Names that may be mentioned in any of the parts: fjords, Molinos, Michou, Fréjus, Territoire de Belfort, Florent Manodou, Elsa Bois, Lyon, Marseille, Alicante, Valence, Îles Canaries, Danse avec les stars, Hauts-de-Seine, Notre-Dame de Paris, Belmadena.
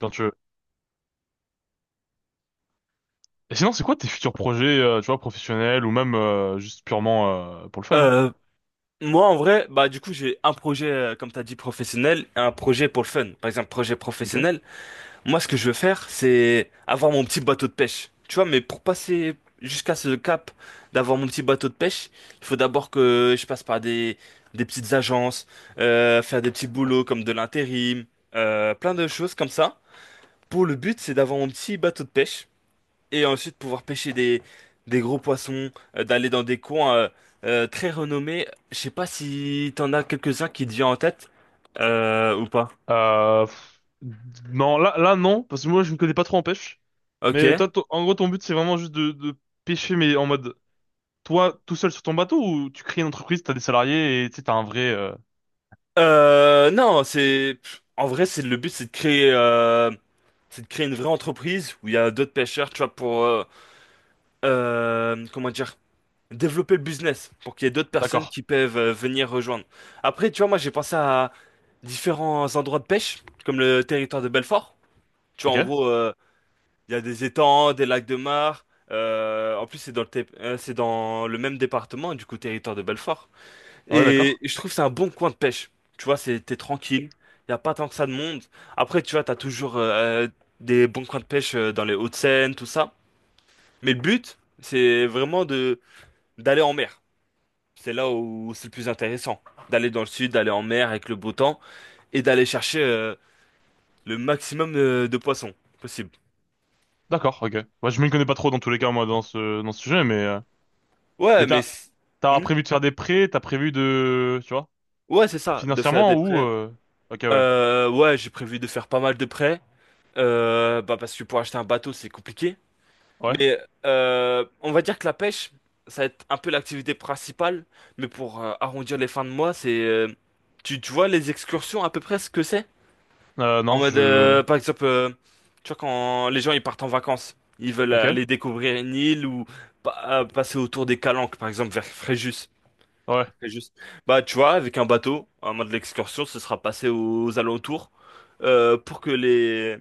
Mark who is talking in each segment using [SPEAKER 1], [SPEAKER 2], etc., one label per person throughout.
[SPEAKER 1] Quand tu veux. Et sinon, c'est quoi tes futurs projets, tu vois, professionnels ou même juste purement pour le fun, hein?
[SPEAKER 2] Euh, Moi, en vrai, bah, du coup, j'ai un projet, comme t'as dit, professionnel, et un projet pour le fun. Par exemple, projet
[SPEAKER 1] Ok.
[SPEAKER 2] professionnel, moi, ce que je veux faire, c'est avoir mon petit bateau de pêche. Tu vois, mais pour passer jusqu'à ce cap d'avoir mon petit bateau de pêche, il faut d'abord que je passe par des petites agences, faire des petits boulots comme de l'intérim, plein de choses comme ça. Pour le but, c'est d'avoir mon petit bateau de pêche et ensuite pouvoir pêcher des gros poissons, d'aller dans des coins très renommés. Je sais pas si t'en as quelques-uns qui te viennent en tête ou pas.
[SPEAKER 1] Euh, pff, non, là, non, parce que moi, je me connais pas trop en pêche. Mais
[SPEAKER 2] Ok.
[SPEAKER 1] toi, en gros, ton but, c'est vraiment juste de pêcher, mais en mode, toi, tout seul sur ton bateau, ou tu crées une entreprise, t'as des salariés et tu sais, t'as un vrai.
[SPEAKER 2] Non, c'est en vrai, c'est le but, c'est de créer une vraie entreprise où il y a d'autres pêcheurs, tu vois, pour comment dire, développer le business, pour qu'il y ait d'autres personnes
[SPEAKER 1] D'accord.
[SPEAKER 2] qui peuvent venir rejoindre. Après, tu vois, moi, j'ai pensé à différents endroits de pêche, comme le territoire de Belfort. Tu vois, en
[SPEAKER 1] Ok.
[SPEAKER 2] gros. Il y a des étangs, des lacs de mar. En plus, c'est dans le même département, du coup, territoire de Belfort.
[SPEAKER 1] Ouais,
[SPEAKER 2] Et
[SPEAKER 1] d'accord.
[SPEAKER 2] je trouve que c'est un bon coin de pêche. Tu vois, t'es tranquille. Il n'y a pas tant que ça de monde. Après, tu vois, t'as toujours des bons coins de pêche dans les Hauts-de-Seine, tout ça. Mais le but, c'est vraiment de d'aller en mer. C'est là où c'est le plus intéressant. D'aller dans le sud, d'aller en mer avec le beau temps et d'aller chercher le maximum de poissons possible.
[SPEAKER 1] D'accord. Ok. Moi, je me connais pas trop dans tous les cas, moi, dans ce sujet,
[SPEAKER 2] Ouais,
[SPEAKER 1] mais
[SPEAKER 2] mais...
[SPEAKER 1] t'as t'as
[SPEAKER 2] Hmm.
[SPEAKER 1] prévu de faire des prêts, t'as prévu de, tu vois,
[SPEAKER 2] Ouais, c'est ça, de faire
[SPEAKER 1] financièrement
[SPEAKER 2] des
[SPEAKER 1] ou
[SPEAKER 2] prêts.
[SPEAKER 1] Ok, ouais.
[SPEAKER 2] Ouais, j'ai prévu de faire pas mal de prêts, bah parce que pour acheter un bateau, c'est compliqué.
[SPEAKER 1] Ouais.
[SPEAKER 2] Mais on va dire que la pêche, ça va être un peu l'activité principale, mais pour arrondir les fins de mois, tu vois les excursions à peu près ce que c'est? En
[SPEAKER 1] Non,
[SPEAKER 2] mode,
[SPEAKER 1] je...
[SPEAKER 2] par exemple, tu vois quand les gens ils partent en vacances, ils veulent
[SPEAKER 1] Ok.
[SPEAKER 2] aller découvrir une île ou passer autour des calanques, par exemple, vers Fréjus.
[SPEAKER 1] Ouais,
[SPEAKER 2] C'est juste. Bah, tu vois, avec un bateau, un mode de l'excursion, ce sera passé aux alentours pour que les,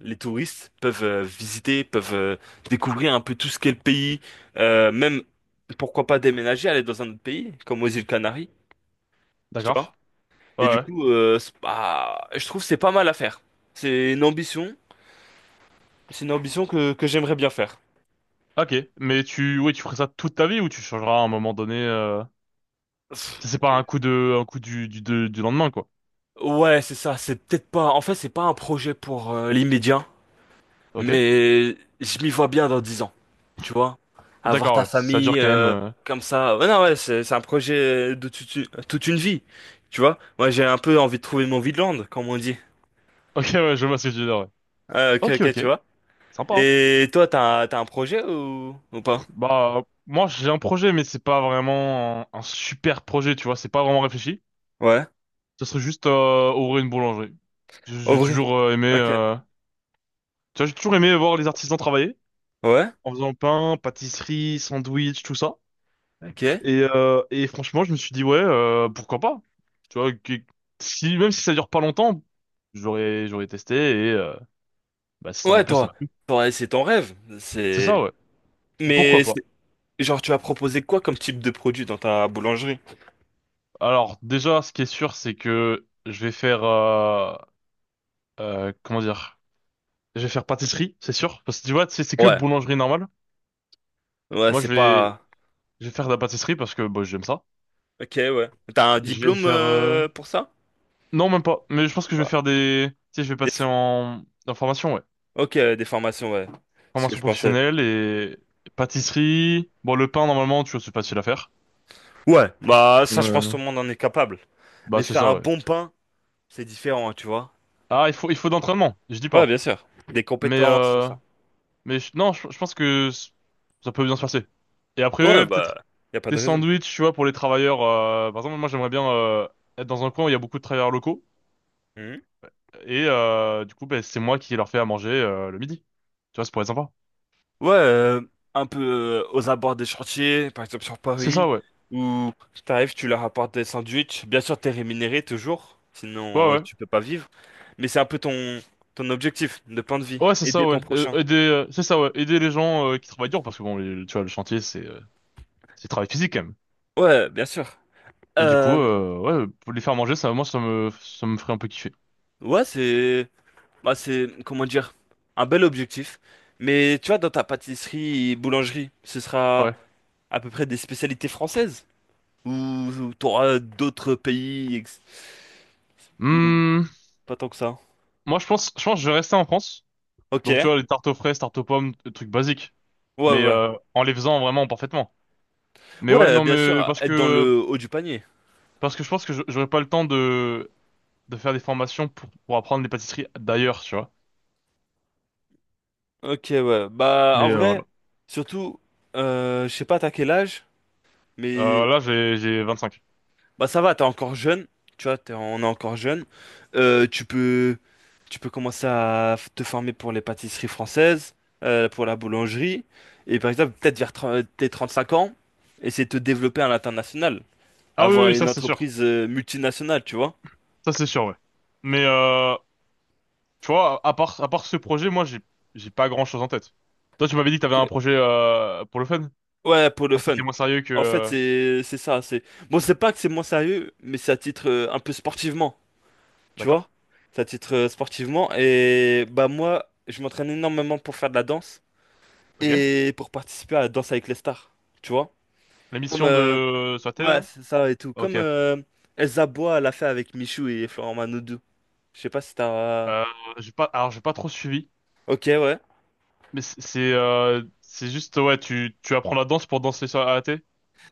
[SPEAKER 2] les touristes peuvent visiter, peuvent découvrir un peu tout ce qu'est le pays, même pourquoi pas déménager, aller dans un autre pays, comme aux îles Canaries, tu vois.
[SPEAKER 1] d'accord. Ouais,
[SPEAKER 2] Et du
[SPEAKER 1] ouais.
[SPEAKER 2] coup, bah, je trouve que c'est pas mal à faire. C'est une ambition, c'est une ambition que j'aimerais bien faire.
[SPEAKER 1] Ok. Mais tu... Oui, tu ferais ça toute ta vie ou tu changeras à un moment donné...
[SPEAKER 2] Pff,
[SPEAKER 1] Ça, c'est pas un coup de... un coup du lendemain, quoi.
[SPEAKER 2] Ouais, c'est ça, c'est peut-être pas. En fait, c'est pas un projet pour l'immédiat.
[SPEAKER 1] Ok.
[SPEAKER 2] Mais je m'y vois bien dans 10 ans, tu vois. Avoir
[SPEAKER 1] D'accord,
[SPEAKER 2] ta
[SPEAKER 1] ouais. Ça dure
[SPEAKER 2] famille
[SPEAKER 1] quand même...
[SPEAKER 2] comme ça. Ouais, non, ouais, c'est un projet de toute une vie, tu vois. Moi, j'ai un peu envie de trouver mon vide-land, comme on dit.
[SPEAKER 1] Ok, ouais, je vois ce que tu veux dire, ouais.
[SPEAKER 2] Ah, ok,
[SPEAKER 1] Ok,
[SPEAKER 2] ok,
[SPEAKER 1] ok.
[SPEAKER 2] tu vois.
[SPEAKER 1] Sympa, hein.
[SPEAKER 2] Et toi, t'as un projet ou pas?
[SPEAKER 1] Bah, moi, j'ai un projet, mais c'est pas vraiment un super projet, tu vois. C'est pas vraiment réfléchi.
[SPEAKER 2] Ouais.
[SPEAKER 1] Ce serait juste ouvrir une boulangerie. J'ai
[SPEAKER 2] Au
[SPEAKER 1] j'ai
[SPEAKER 2] vrai.
[SPEAKER 1] toujours aimé...
[SPEAKER 2] Ok.
[SPEAKER 1] Tu vois, j'ai toujours aimé voir les artisans travailler.
[SPEAKER 2] Ouais.
[SPEAKER 1] En faisant pain, pâtisserie, sandwich, tout ça.
[SPEAKER 2] Ok.
[SPEAKER 1] Et franchement, je me suis dit, ouais, pourquoi pas? Tu vois, si, même si ça dure pas longtemps, j'aurais testé et bah, si ça m'a
[SPEAKER 2] Ouais,
[SPEAKER 1] plu, ça
[SPEAKER 2] toi.
[SPEAKER 1] m'a plu.
[SPEAKER 2] Toi, c'est ton rêve.
[SPEAKER 1] C'est ça,
[SPEAKER 2] C'est.
[SPEAKER 1] ouais. Pourquoi
[SPEAKER 2] Mais
[SPEAKER 1] pas?
[SPEAKER 2] c'est- genre, tu vas proposer quoi comme type de produit dans ta boulangerie?
[SPEAKER 1] Alors, déjà, ce qui est sûr, c'est que je vais faire, comment dire? Je vais faire pâtisserie, c'est sûr. Parce que tu vois, c'est que
[SPEAKER 2] Ouais.
[SPEAKER 1] boulangerie normale.
[SPEAKER 2] Ouais,
[SPEAKER 1] Moi,
[SPEAKER 2] c'est
[SPEAKER 1] je vais,
[SPEAKER 2] pas.
[SPEAKER 1] je vais faire de la pâtisserie parce que bah, j'aime ça.
[SPEAKER 2] Ok, ouais. T'as un
[SPEAKER 1] Je vais
[SPEAKER 2] diplôme
[SPEAKER 1] faire...
[SPEAKER 2] pour ça?
[SPEAKER 1] Non, même pas. Mais je pense
[SPEAKER 2] Ou
[SPEAKER 1] que je vais
[SPEAKER 2] pas.
[SPEAKER 1] faire des... Tu sais, je vais
[SPEAKER 2] Des
[SPEAKER 1] passer
[SPEAKER 2] f-
[SPEAKER 1] en formation, ouais.
[SPEAKER 2] Ok, des formations, ouais. C'est ce que
[SPEAKER 1] Formation
[SPEAKER 2] je pensais.
[SPEAKER 1] professionnelle et pâtisserie. Bon, le pain, normalement, tu vois, c'est facile à faire.
[SPEAKER 2] Ouais, bah ça, je pense que tout
[SPEAKER 1] Ouais.
[SPEAKER 2] le monde en est capable.
[SPEAKER 1] Bah,
[SPEAKER 2] Mais
[SPEAKER 1] c'est
[SPEAKER 2] faire
[SPEAKER 1] ça,
[SPEAKER 2] un
[SPEAKER 1] ouais.
[SPEAKER 2] bon pain, c'est différent, hein, tu vois.
[SPEAKER 1] Ah, il faut d'entraînement, je dis
[SPEAKER 2] Ouais,
[SPEAKER 1] pas.
[SPEAKER 2] bien sûr. Des
[SPEAKER 1] Mais,
[SPEAKER 2] compétences, tout
[SPEAKER 1] euh,
[SPEAKER 2] ça.
[SPEAKER 1] mais non, je pense que ça peut bien se passer. Et
[SPEAKER 2] Ouais,
[SPEAKER 1] après, peut-être
[SPEAKER 2] bah, y a pas
[SPEAKER 1] des
[SPEAKER 2] de raison.
[SPEAKER 1] sandwichs, tu vois, pour les travailleurs. Par exemple, moi, j'aimerais bien être dans un coin où il y a beaucoup de travailleurs locaux.
[SPEAKER 2] Mhm.
[SPEAKER 1] Et du coup, ben, c'est moi qui leur fais à manger le midi. Tu vois, ça pourrait être sympa.
[SPEAKER 2] Ouais, un peu aux abords des chantiers, par exemple sur
[SPEAKER 1] C'est ça,
[SPEAKER 2] Paris,
[SPEAKER 1] ouais.
[SPEAKER 2] où t'arrives, tu leur apportes des sandwichs. Bien sûr, t'es rémunéré toujours,
[SPEAKER 1] Ouais,
[SPEAKER 2] sinon
[SPEAKER 1] ouais.
[SPEAKER 2] tu peux pas vivre. Mais c'est un peu ton objectif de pain de vie,
[SPEAKER 1] Ouais, c'est ça,
[SPEAKER 2] aider
[SPEAKER 1] ouais.
[SPEAKER 2] ton prochain.
[SPEAKER 1] Aider, c'est ça, ouais. Aider les gens qui travaillent dur, parce que bon, tu vois, le chantier, c'est... C'est du travail physique quand même.
[SPEAKER 2] Ouais, bien sûr.
[SPEAKER 1] Et du coup,
[SPEAKER 2] Euh,
[SPEAKER 1] ouais, pour les faire manger, ça, moi, ça me ferait un peu kiffer.
[SPEAKER 2] ouais, c'est, comment dire, un bel objectif. Mais tu vois, dans ta pâtisserie et boulangerie, ce sera
[SPEAKER 1] Ouais.
[SPEAKER 2] à peu près des spécialités françaises ou t'auras d'autres pays ou
[SPEAKER 1] Hmm,
[SPEAKER 2] pas tant que ça.
[SPEAKER 1] moi, je pense que je vais rester en France.
[SPEAKER 2] Ok.
[SPEAKER 1] Donc, tu
[SPEAKER 2] Ouais,
[SPEAKER 1] vois, les tartes aux fraises, tartes aux pommes, des trucs basiques. Mais
[SPEAKER 2] ouais.
[SPEAKER 1] en les faisant vraiment parfaitement. Mais ouais,
[SPEAKER 2] Ouais,
[SPEAKER 1] non,
[SPEAKER 2] bien
[SPEAKER 1] mais
[SPEAKER 2] sûr, être dans le haut du panier.
[SPEAKER 1] parce que je pense que j'aurais pas le temps de faire des formations pour apprendre les pâtisseries d'ailleurs, tu vois.
[SPEAKER 2] Ok, ouais. Bah,
[SPEAKER 1] Mais
[SPEAKER 2] en vrai,
[SPEAKER 1] voilà.
[SPEAKER 2] surtout, je sais pas t'as quel âge, mais
[SPEAKER 1] Là, j'ai 25.
[SPEAKER 2] bah ça va, t'es encore jeune, tu vois, on est encore jeune. Euh, tu peux, tu peux commencer à te former pour les pâtisseries françaises, pour la boulangerie, et par exemple peut-être vers tes 5 ans, essayer de te développer à l'international,
[SPEAKER 1] Ah oui, oui,
[SPEAKER 2] avoir
[SPEAKER 1] oui, ça,
[SPEAKER 2] une
[SPEAKER 1] c'est sûr.
[SPEAKER 2] entreprise multinationale, tu vois.
[SPEAKER 1] Ça, c'est sûr, ouais. Mais tu vois, à part ce projet, moi, j'ai pas grand-chose en tête. Toi, tu m'avais dit que t'avais
[SPEAKER 2] Ok.
[SPEAKER 1] un projet pour le fun, hein,
[SPEAKER 2] Ouais, pour le
[SPEAKER 1] qui
[SPEAKER 2] fun.
[SPEAKER 1] était moins sérieux que...
[SPEAKER 2] En fait, c'est ça. C'est bon, c'est pas que c'est moins sérieux, mais c'est à titre un peu sportivement, tu vois.
[SPEAKER 1] D'accord,
[SPEAKER 2] C'est à titre sportivement et bah moi, je m'entraîne énormément pour faire de la danse.
[SPEAKER 1] ok.
[SPEAKER 2] Et pour participer à Danse avec les stars, tu vois?
[SPEAKER 1] La
[SPEAKER 2] Comme,
[SPEAKER 1] mission
[SPEAKER 2] euh,
[SPEAKER 1] de... sur la télé,
[SPEAKER 2] ouais,
[SPEAKER 1] là?
[SPEAKER 2] c'est ça et tout. Comme
[SPEAKER 1] Ok.
[SPEAKER 2] Elsa Bois l'a fait avec Michou et Florent Manodou. Je sais pas si t'as...
[SPEAKER 1] Euh, j'ai pas, alors, j'ai pas trop suivi,
[SPEAKER 2] Ok, ouais.
[SPEAKER 1] mais c'est juste, ouais, tu apprends la danse pour danser sur à la télé?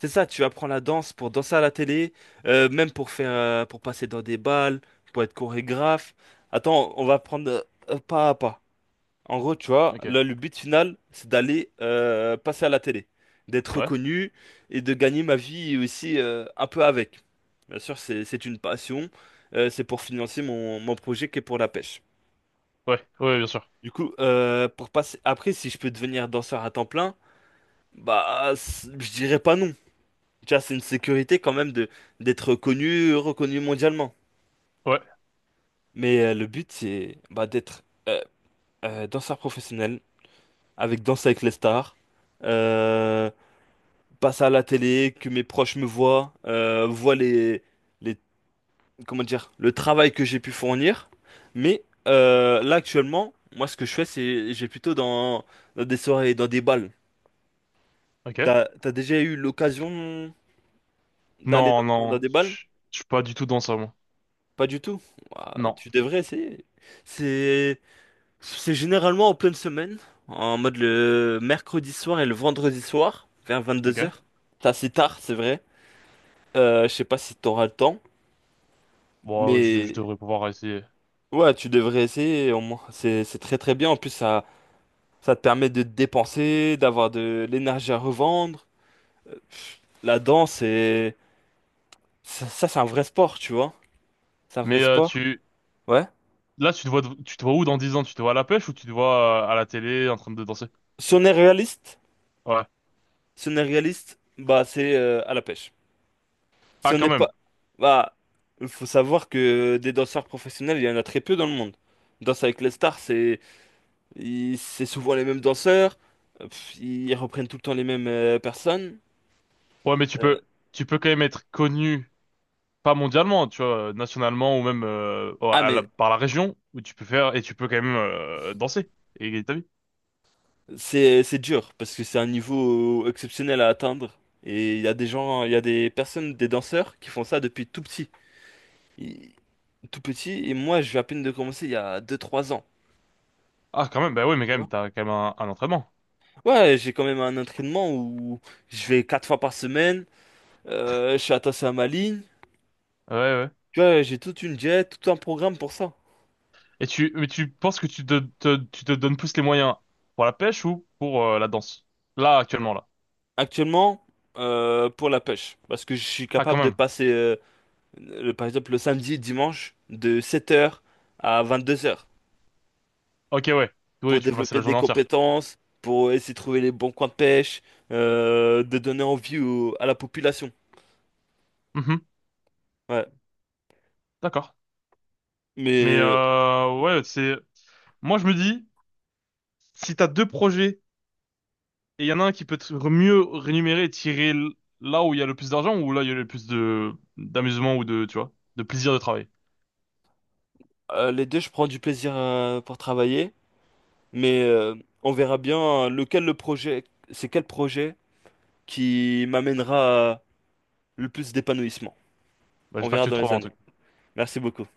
[SPEAKER 2] C'est ça, tu apprends la danse pour danser à la télé, même pour passer dans des balles, pour être chorégraphe. Attends, on va prendre pas à pas. En gros, tu vois,
[SPEAKER 1] Ok.
[SPEAKER 2] là, le but final, c'est d'aller passer à la télé, d'être
[SPEAKER 1] Ouais,
[SPEAKER 2] reconnu et de gagner ma vie aussi un peu avec. Bien sûr, c'est une passion, c'est pour financer mon projet qui est pour la pêche.
[SPEAKER 1] ouais, ouais, bien sûr.
[SPEAKER 2] Du coup, pour passer... après, si je peux devenir danseur à temps plein, bah, je dirais pas non. Tu vois, c'est une sécurité quand même de d'être connu, reconnu mondialement.
[SPEAKER 1] Ouais,
[SPEAKER 2] Mais le but, c'est bah, d'être euh, danseur professionnel, avec Danse avec les stars. Euh, Passe à la télé, que mes proches me voient, voient les, comment dire, le travail que j'ai pu fournir. Mais là actuellement, moi ce que je fais, c'est j'ai plutôt dans des soirées, dans des balles.
[SPEAKER 1] ok.
[SPEAKER 2] T'as déjà eu l'occasion d'aller
[SPEAKER 1] Non,
[SPEAKER 2] dans
[SPEAKER 1] non,
[SPEAKER 2] des balles?
[SPEAKER 1] je suis pas du tout dans ça, moi.
[SPEAKER 2] Pas du tout. Ouah,
[SPEAKER 1] Non,
[SPEAKER 2] tu devrais essayer. C'est, c'est généralement en pleine semaine, en mode le mercredi soir et le vendredi soir, vers vingt-deux
[SPEAKER 1] ok.
[SPEAKER 2] heures. C'est assez tard, c'est vrai. Je sais pas si t'auras le temps,
[SPEAKER 1] Bon, je
[SPEAKER 2] mais
[SPEAKER 1] devrais pouvoir essayer.
[SPEAKER 2] ouais, tu devrais essayer au moins. C'est très très bien. En plus, ça te permet de te dépenser, d'avoir de l'énergie à revendre. La danse, c'est... Ça, c'est un vrai sport, tu vois. C'est un vrai
[SPEAKER 1] Mais
[SPEAKER 2] sport.
[SPEAKER 1] tu...
[SPEAKER 2] Ouais.
[SPEAKER 1] Là, tu te vois où dans 10 ans? Tu te vois à la pêche ou tu te vois à la télé en train de danser?
[SPEAKER 2] Si on est réaliste,
[SPEAKER 1] Ouais.
[SPEAKER 2] Si on est réaliste, bah c'est à la pêche. Si
[SPEAKER 1] Ah,
[SPEAKER 2] on
[SPEAKER 1] quand
[SPEAKER 2] n'est
[SPEAKER 1] même.
[SPEAKER 2] pas... Bah, il faut savoir que des danseurs professionnels, il y en a très peu dans le monde. Danse avec les stars, c'est souvent les mêmes danseurs. Ils reprennent tout le temps les mêmes personnes.
[SPEAKER 1] Ouais,
[SPEAKER 2] Euh,
[SPEAKER 1] tu peux quand même être connu, pas mondialement, tu vois, nationalement ou même oh,
[SPEAKER 2] ah mais
[SPEAKER 1] par la région où tu peux faire et tu peux quand même danser et gagner ta vie.
[SPEAKER 2] c'est dur parce que c'est un niveau exceptionnel à atteindre et il y a des gens, il y a des personnes, des danseurs qui font ça depuis tout petit. Et- Tout petit et moi je vais à peine de commencer il y a 2 3 ans.
[SPEAKER 1] Ah, quand même. Bah oui, mais quand
[SPEAKER 2] Tu vois.
[SPEAKER 1] même, t'as quand même un entraînement.
[SPEAKER 2] Ouais, j'ai quand même un entraînement où je vais 4 fois par semaine, je suis attaché à ma ligne,
[SPEAKER 1] Ouais, ouais.
[SPEAKER 2] tu vois, j'ai toute une diète, tout un programme pour ça.
[SPEAKER 1] Et mais tu penses que tu te donnes plus les moyens pour la pêche ou pour la danse? Là, actuellement, là.
[SPEAKER 2] Actuellement, pour la pêche, parce que je suis
[SPEAKER 1] Ah, quand
[SPEAKER 2] capable de
[SPEAKER 1] même.
[SPEAKER 2] passer, par exemple, le samedi, dimanche, de 7 heures à 22 heures
[SPEAKER 1] Ok, ouais. Oui,
[SPEAKER 2] pour
[SPEAKER 1] tu peux passer
[SPEAKER 2] développer
[SPEAKER 1] la
[SPEAKER 2] des
[SPEAKER 1] journée entière.
[SPEAKER 2] compétences, pour essayer de trouver les bons coins de pêche, de donner envie à la population.
[SPEAKER 1] Mhm.
[SPEAKER 2] Ouais.
[SPEAKER 1] D'accord. Mais
[SPEAKER 2] Mais
[SPEAKER 1] ouais, c'est. Moi, je me dis, si t'as deux projets et il y en a un qui peut mieux rémunérer et là où il y a le plus d'argent ou là où il y a le plus de d'amusement ou de, tu vois, de plaisir de travail.
[SPEAKER 2] les deux, je prends du plaisir pour travailler, mais on verra bien c'est quel projet qui m'amènera le plus d'épanouissement.
[SPEAKER 1] Bah,
[SPEAKER 2] On
[SPEAKER 1] j'espère que
[SPEAKER 2] verra
[SPEAKER 1] tu
[SPEAKER 2] dans les
[SPEAKER 1] trouveras en tout
[SPEAKER 2] années.
[SPEAKER 1] cas.
[SPEAKER 2] Merci beaucoup.